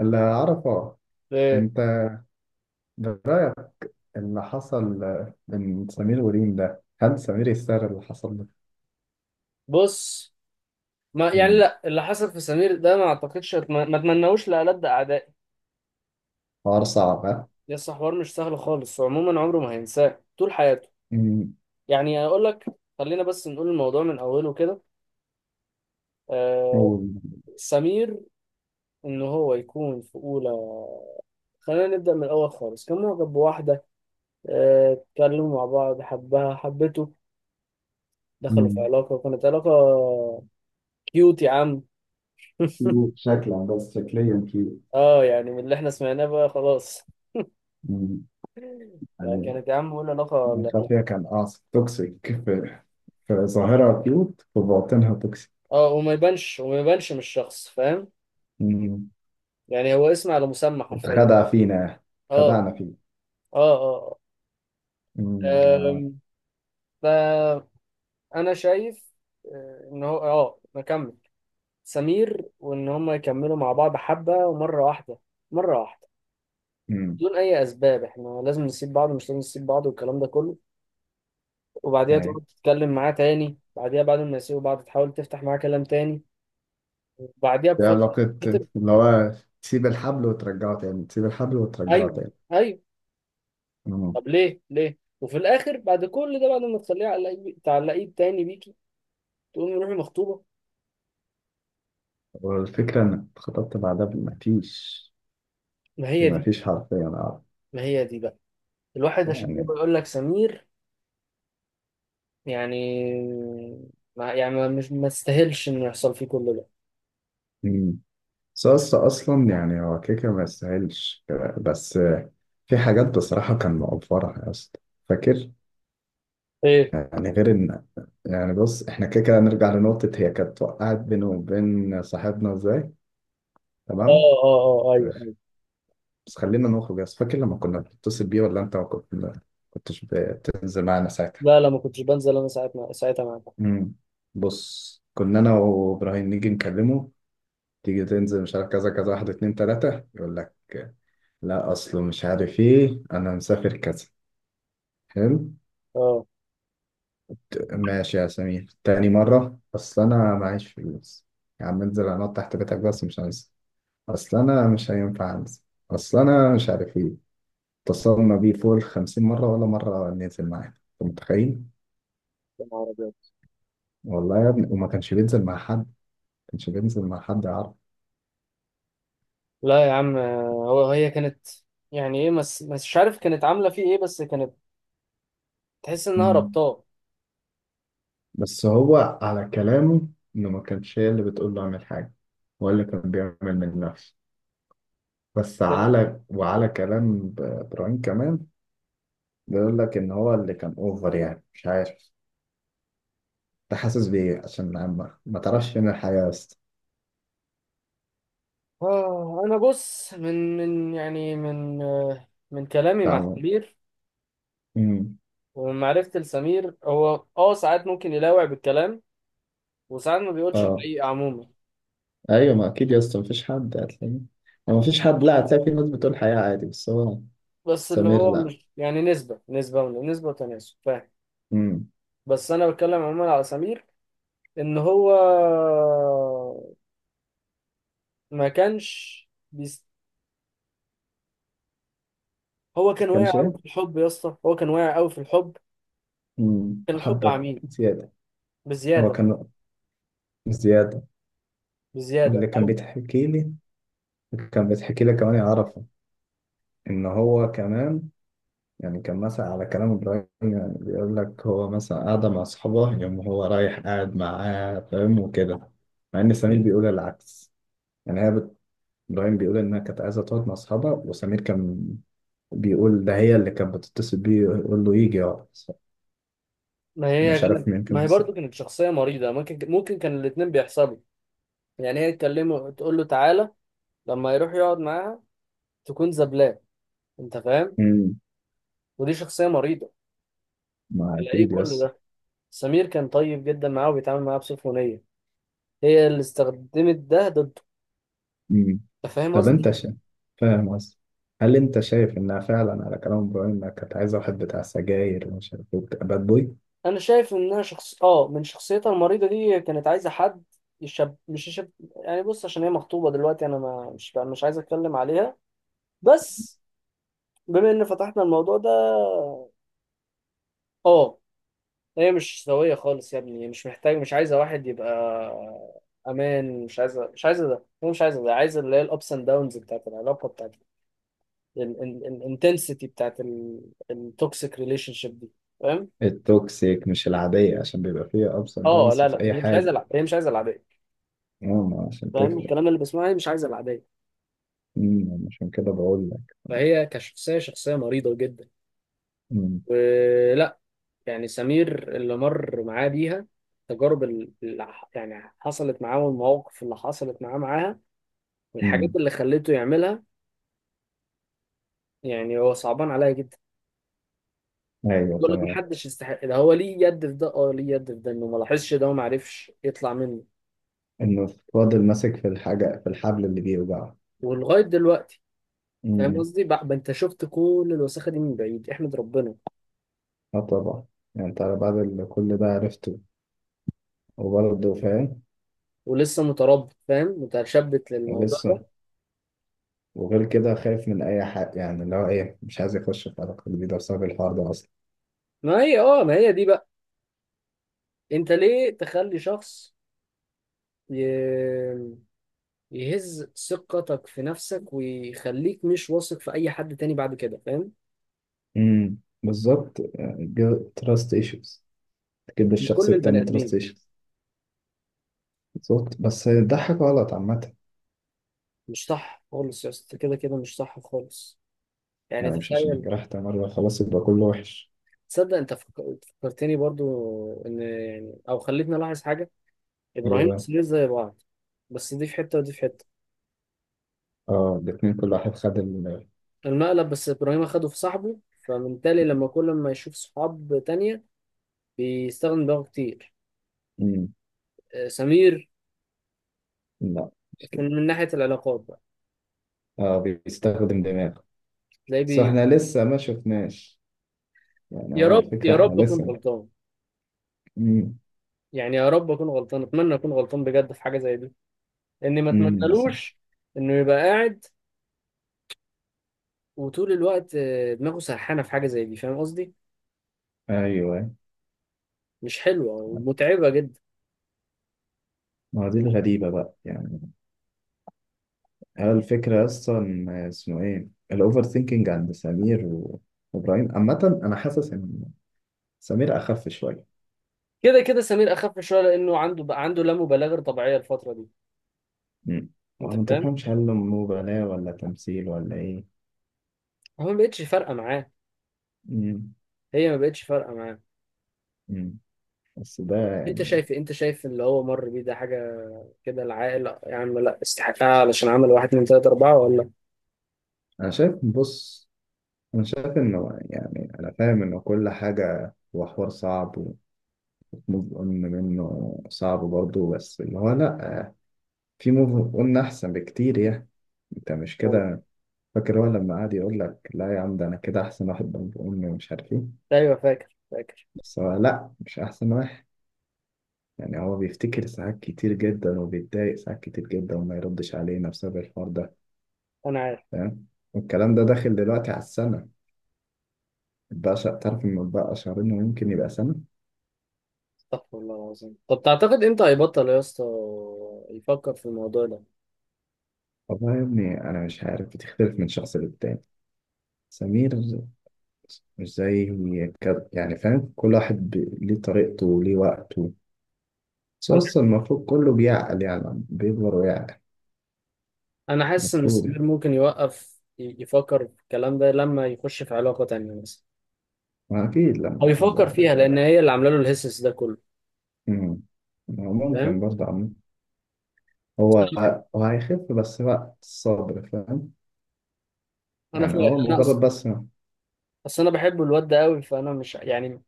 اللي أعرفه. إيه، أنت برأيك اللي حصل من سمير وريم ده، هل سمير يستاهل اللي حصل ده؟ بص. ما يعني مم. لا، اللي حصل في سمير ده ما اعتقدش ما اتمنوش لألد اعدائي. حوار صعب ها؟ لسه حوار مش سهل خالص، وعموما عمره ما هينساه طول حياته. مم. يعني اقول لك، خلينا بس نقول الموضوع من اوله كده. آه، هو. سمير ان هو يكون في اولى، خلينا نبدأ من الأول خالص. كان معجب بواحدة، آه، اتكلموا مع بعض، حبها حبته، دخلوا في مم. علاقة، وكانت علاقة كيوت يا عم. كيوت شكلا، بس شكليا كيوت. اه، يعني من اللي احنا سمعناه بقى خلاص. مم. آه، يعني كانت يا عم بقول علاقة. من خلفية كان قاصد توكسيك، في ظاهرها كيوت، في باطنها توكسيك. اه، وما يبانش وما يبانش من الشخص، فاهم؟ مم. يعني هو اسم على مسمى حرفيا. اتخدع فينا، اه خدعنا فيه. اه. مم. اه. آه. آم، فانا شايف، آه، ان هو نكمل سمير، وان هم يكملوا مع بعض حبه، ومره واحده، مره واحده مم. بدون اي اسباب احنا لازم نسيب بعض، مش لازم نسيب بعض، والكلام ده كله. وبعديها أيوة. تقعد تتكلم معاه تاني، بعديها بعد ما يسيبوا بعض تحاول تفتح معاه كلام تاني، وبعديها دي بفتره. علاقة اللي هو تسيب الحبل وترجعه تاني، تسيب الحبل وترجعه ايوه تاني. ايوه. مم. طب ليه؟ ليه؟ وفي الاخر بعد كل ده، بعد ما تخليه على تعلقيه تاني بيكي، تقومي روحي مخطوبه. والفكرة إنك اتخطبت بعدها بمفيش ما هي دي، بمفيش حرفيا أعرف ما هي دي بقى. الواحد عشان كده يعني. بيقول لك سمير يعني، مش ما تستاهلش انه يحصل فيه كل ده. مم. ساس أصلا، يعني هو كيكة ما يستاهلش. بس في حاجات بصراحة كان مقفرها يا اسطى، فاكر؟ ايه. يعني غير إن، يعني بص، إحنا كيكة نرجع لنقطة، هي كانت وقعت بينه وبين صاحبنا إزاي. تمام، اه اه. اه بس ايوه. خلينا نخرج يا اسطى. فاكر لما كنا بنتصل بيه، ولا أنت ما كنتش بتنزل معانا ساعتها؟ لا لا، ما كنتش بنزل انا ساعتها، ساعتها معاك. مم. بص، كنا انا وابراهيم نيجي نكلمه، تيجي تنزل، مش عارف كذا كذا، واحد اتنين تلاتة، يقول لك لا أصله مش عارف إيه، أنا مسافر كذا. حلو. اه. ماشي يا سمير. تاني مرة، أصل أنا معيش فلوس. يا عم انزل، أنط تحت بيتك بس، مش عايز. أصل أنا مش هينفع أنزل. أصل أنا مش عارف إيه. اتصلنا بيه فوق الخمسين مرة، ولا مرة ننزل معاه. أنت متخيل؟ يا نهار أبيض. والله يا ابني، وما كانش بينزل مع حد، ما كانش بينزل مع حد. لا يا عم، هي كانت، يعني ايه، مش عارف كانت عامله فيه ايه، بس كانت تحس انها يعرف، ربطاه. بس هو على كلامه إنه ما كانش هي اللي بتقول له أعمل حاجة، هو اللي كان بيعمل من نفسه. بس وعلى كلام إبراهيم كمان، بيقول لك إن هو اللي كان أوفر، يعني مش عارف. أنت حاسس بإيه عشان ما تعرفش فين الحياة يا اسطى؟ آه، أنا بص، من من يعني من آه، من كلامي مع تعمل. سمير أمم. ومن معرفتي لسمير، هو آه، ساعات ممكن يلاوع بالكلام، وساعات ما بيقولش أه، الحقيقة عموما. أيوة، ما أكيد يا اسطى مفيش حد هتلاقيه. ما مفيش حد، لا، هتلاقي في ناس بتقول حياة عادي، بس هو بس اللي سمير هو لا. مش يعني، نسبة نسبة ونسبة وتناسب، فاهم؟ أمم. بس أنا بتكلم عموما على سمير. إن هو ما كانش بيست... هو ما كان كانش واقع أوي في إيه. الحب يا اسطى، هو كان واقع أوي في الحب. أمم. كان الحب حبة عميق زيادة. هو بزيادة، كان زيادة. بزيادة اللي كان أوي. بيتحكي لي، كان بيتحكي لي كمان يعرفه، ان هو كمان، يعني كان مثلا على كلام ابراهيم، يعني بيقول لك هو مثلا قاعده مع اصحابه، يوم هو رايح قاعد معاه فاهم، وكده. مع ان سمير بيقول العكس، يعني هي بت... ابراهيم بيقول انها كانت عايزه تقعد مع اصحابها، وسمير كان بيقول ده هي اللي كانت بتتصل بيه يقول له يجي يقعد. ما انا هي، مش عارف مين ما كان هي صح. برضو كانت شخصية مريضة. ممكن، ممكن كان الاتنين بيحصلوا. يعني هي تكلمه تقول له تعالى، لما يروح يقعد معاها تكون زبلاه. انت فاهم؟ امم. ودي شخصية مريضة. ما على ايه اكيد كل يس. ده؟ سمير كان طيب جدا معاه، وبيتعامل معاه بسخونية، هي اللي استخدمت ده ضده. مم. انت فاهم طب انت قصدي؟ شا... فاهم قصدي؟ هل انت شايف انها فعلا، على كلام ابراهيم، انها كانت عايزه واحد بتاع سجاير ومش عارف ايه، وبتاع باد بوي؟ انا شايف انها شخص، اه، من شخصيتها المريضة دي، كانت عايزة حد يشب مش يشب. يعني بص، عشان هي مخطوبة دلوقتي انا ما مش مش عايز اتكلم عليها، بس بما ان فتحنا الموضوع ده. اه، هي مش سوية خالص يا ابني، هي مش عايزة واحد يبقى أمان. مش عايزة ده، هي مش عايزة ده، عايزة اللي هي الأبس أند داونز بتاعت العلاقة، بتاعت الانتنسيتي بتاعت التوكسيك ريليشن شيب دي. فاهم؟ التوكسيك مش العاديه، عشان بيبقى فيها ابس اند اه داونز لا في لا، اي هي مش حاجه. عايزة الع- هي مش عايزة العادية. ماما، عشان فاهم تفرق. الكلام اللي بسمعه، هي مش عايزة العادية. مم، عشان كده بقول لك. فهي كشخصية، شخصية مريضة جدا. مم. ولا يعني سمير اللي مر معاه بيها، التجارب اللي حصلت معاه، والمواقف اللي حصلت معاه معاها، والحاجات مم. اللي خلته يعملها. يعني هو صعبان عليا جدا. ايوه، بقول لك تمام. محدش يستحق ده، هو ليه يد في ده؟ اه ليه يد في ده، انه ما لاحظش ده وما عرفش يطلع منه انه فاضل ماسك في الحاجه، في الحبل اللي بيوجعه. ولغايه دلوقتي. فاهم مم. قصدي بقى؟ انت شفت كل الوساخه دي من بعيد، احمد ربنا. اه، طبعا. يعني انت على بعد اللي كل ده عرفته، وبرضه فاهم. ولسه متربط، فاهم، متشبت للموضوع ده. لسه. وغير كده، خايف من اي حاجه، يعني اللي هو ايه، مش عايز يخش في علاقه جديده بسبب الحوار ده اصلا. ما هي اه، ما هي دي بقى، انت ليه تخلي شخص ي... يهز ثقتك في نفسك، ويخليك مش واثق في اي حد تاني بعد كده، فاهم؟ امم، بالظبط. تراست ايشوز. تجيب للشخص لكل البني التاني تراست ادمين. ايشوز. بالظبط، بس ده حاجه غلط عامه. مش صح خالص يا اسطى، كده كده مش صح خالص. يعني يعني مش عشان تخيل. اتجرحت مره خلاص يبقى كله وحش. تصدق انت فكرتني برضو، ان يعني، او خلتني الاحظ حاجه، ابراهيم ايوه. وسمير زي بعض، بس دي في حته ودي في حته. اه، الاتنين كل واحد خد ال. المقلب، بس ابراهيم اخده في صاحبه، فبالتالي لما كل ما يشوف صحاب تانية بيستخدم دماغه كتير. امم. آه، سمير لا، مش كده. من ناحيه العلاقات بقى اه، بيستخدم دماغه. تلاقيه بس احنا لسه ما شفناش، يعني يا هو رب الفكره يا احنا رب اكون لسه. غلطان. امم. يعني يا رب اكون غلطان، اتمنى اكون غلطان بجد في حاجه زي دي، لاني ما امم، بس. اتمنالوش انه يبقى قاعد وطول الوقت، آه، دماغه سرحانه في حاجه زي دي. فاهم قصدي؟ ايوه. مش حلوه ومتعبه جدا. ما هو دي الغريبه بقى يعني. هي الفكرة أصلا اسمه إيه؟ الأوفر ثينكينج عند سمير وإبراهيم عامة. أنا حاسس إن سمير أخف شوية. كده كده سمير اخف شويه لانه عنده بقى، عنده لا مبالغه طبيعيه الفتره دي. مم. وأنا انت ما فاهم؟ تفهمش، هل مبالاة ولا تمثيل ولا إيه؟ هو ما بقتش فارقه معاه، مم. هي ما بقتش فارقه معاه. مم. بس ده انت يعني، شايف إيه؟ انت شايف اللي هو مر بيه ده حاجه كده، العائله يا عم لا استحقها، علشان عمل واحد من ثلاثة أربعة ولا. أنا شايف، بص، أنا شايف إنه، يعني أنا فاهم إنه كل حاجة، هو حوار صعب، وموف أون منه صعب برضه، بس اللي هو لأ، في موف أون أحسن بكتير يعني. أنت مش آه. كده؟ فاكر هو لما قعد يقول لك لا يا عم، ده انا كده احسن، واحد بنت امي ومش عارف ايه. ايوه فاكر، فاكر. بس هو لا، مش احسن واحد. يعني هو بيفتكر ساعات كتير جدا، وبيتضايق ساعات كتير جدا، وما يردش علينا بسبب الحوار ده. انا عارف. فاهم. والكلام ده داخل دلوقتي على السنة. بقى شا... تعرف إن بقى شهرين، ويمكن يبقى سنة. استغفر الله العظيم. طب تعتقد امتى هيبطل يا اسطى يفكر في الموضوع ده؟ والله يا ابني، أنا مش عارف، بتختلف من شخص للتاني. سمير مش زي كده يعني، فاهم، كل واحد ب... ليه طريقته وليه وقته. بس انا، أصلا المفروض كله بيعقل، يعني بيكبر ويعقل. انا حاسس ان المفروض سمير يعني. ممكن يوقف يفكر في الكلام ده لما يخش في علاقه تانيه مثلا، أكيد لما او يحب يفكر واحدة فيها، تاني. لان هي اللي عامله له الهسس ده كله، أمم. هو ممكن فاهم؟ برضه عم. هو هو هيخف، بس وقت الصبر فاهم. انا يعني فاهم، هو انا مجرد اصلا، بس ما-. اصل انا بحب الواد ده قوي، فانا مش يعني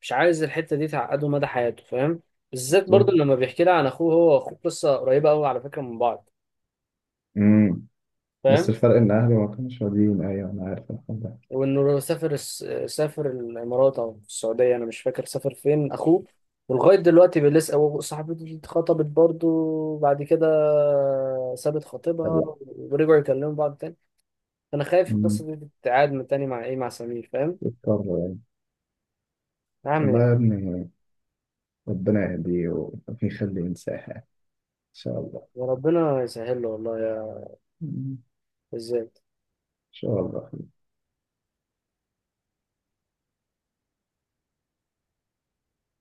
مش عايز الحته دي تعقده مدى حياته، فاهم؟ بالذات برضو بالظبط. لما بيحكي لي عن اخوه، هو واخوه قصه قريبه قوي على فكره من بعض، أمم. بس فاهم؟ الفرق إن أهلي ما كانوش راضيين، أيوة أنا عارف، الحمد وانه سافر سافر الامارات او السعوديه، انا مش فاكر سافر فين اخوه. ولغايه دلوقتي بيلسع، وصاحبته دي اتخطبت برضو بعد كده، سابت خطيبها لله. ورجعوا يكلموا بعض تاني. انا خايف أمم. القصه دي تتعاد من تاني مع ايه، مع سمير، فاهم؟ يضطر يعني. يا والله عم. يا ابني، ربنا يهديه ويخليه ينساها إن شاء الله. يا ربنا يسهل له، والله يا، أمم. ازاي. إن شاء الله.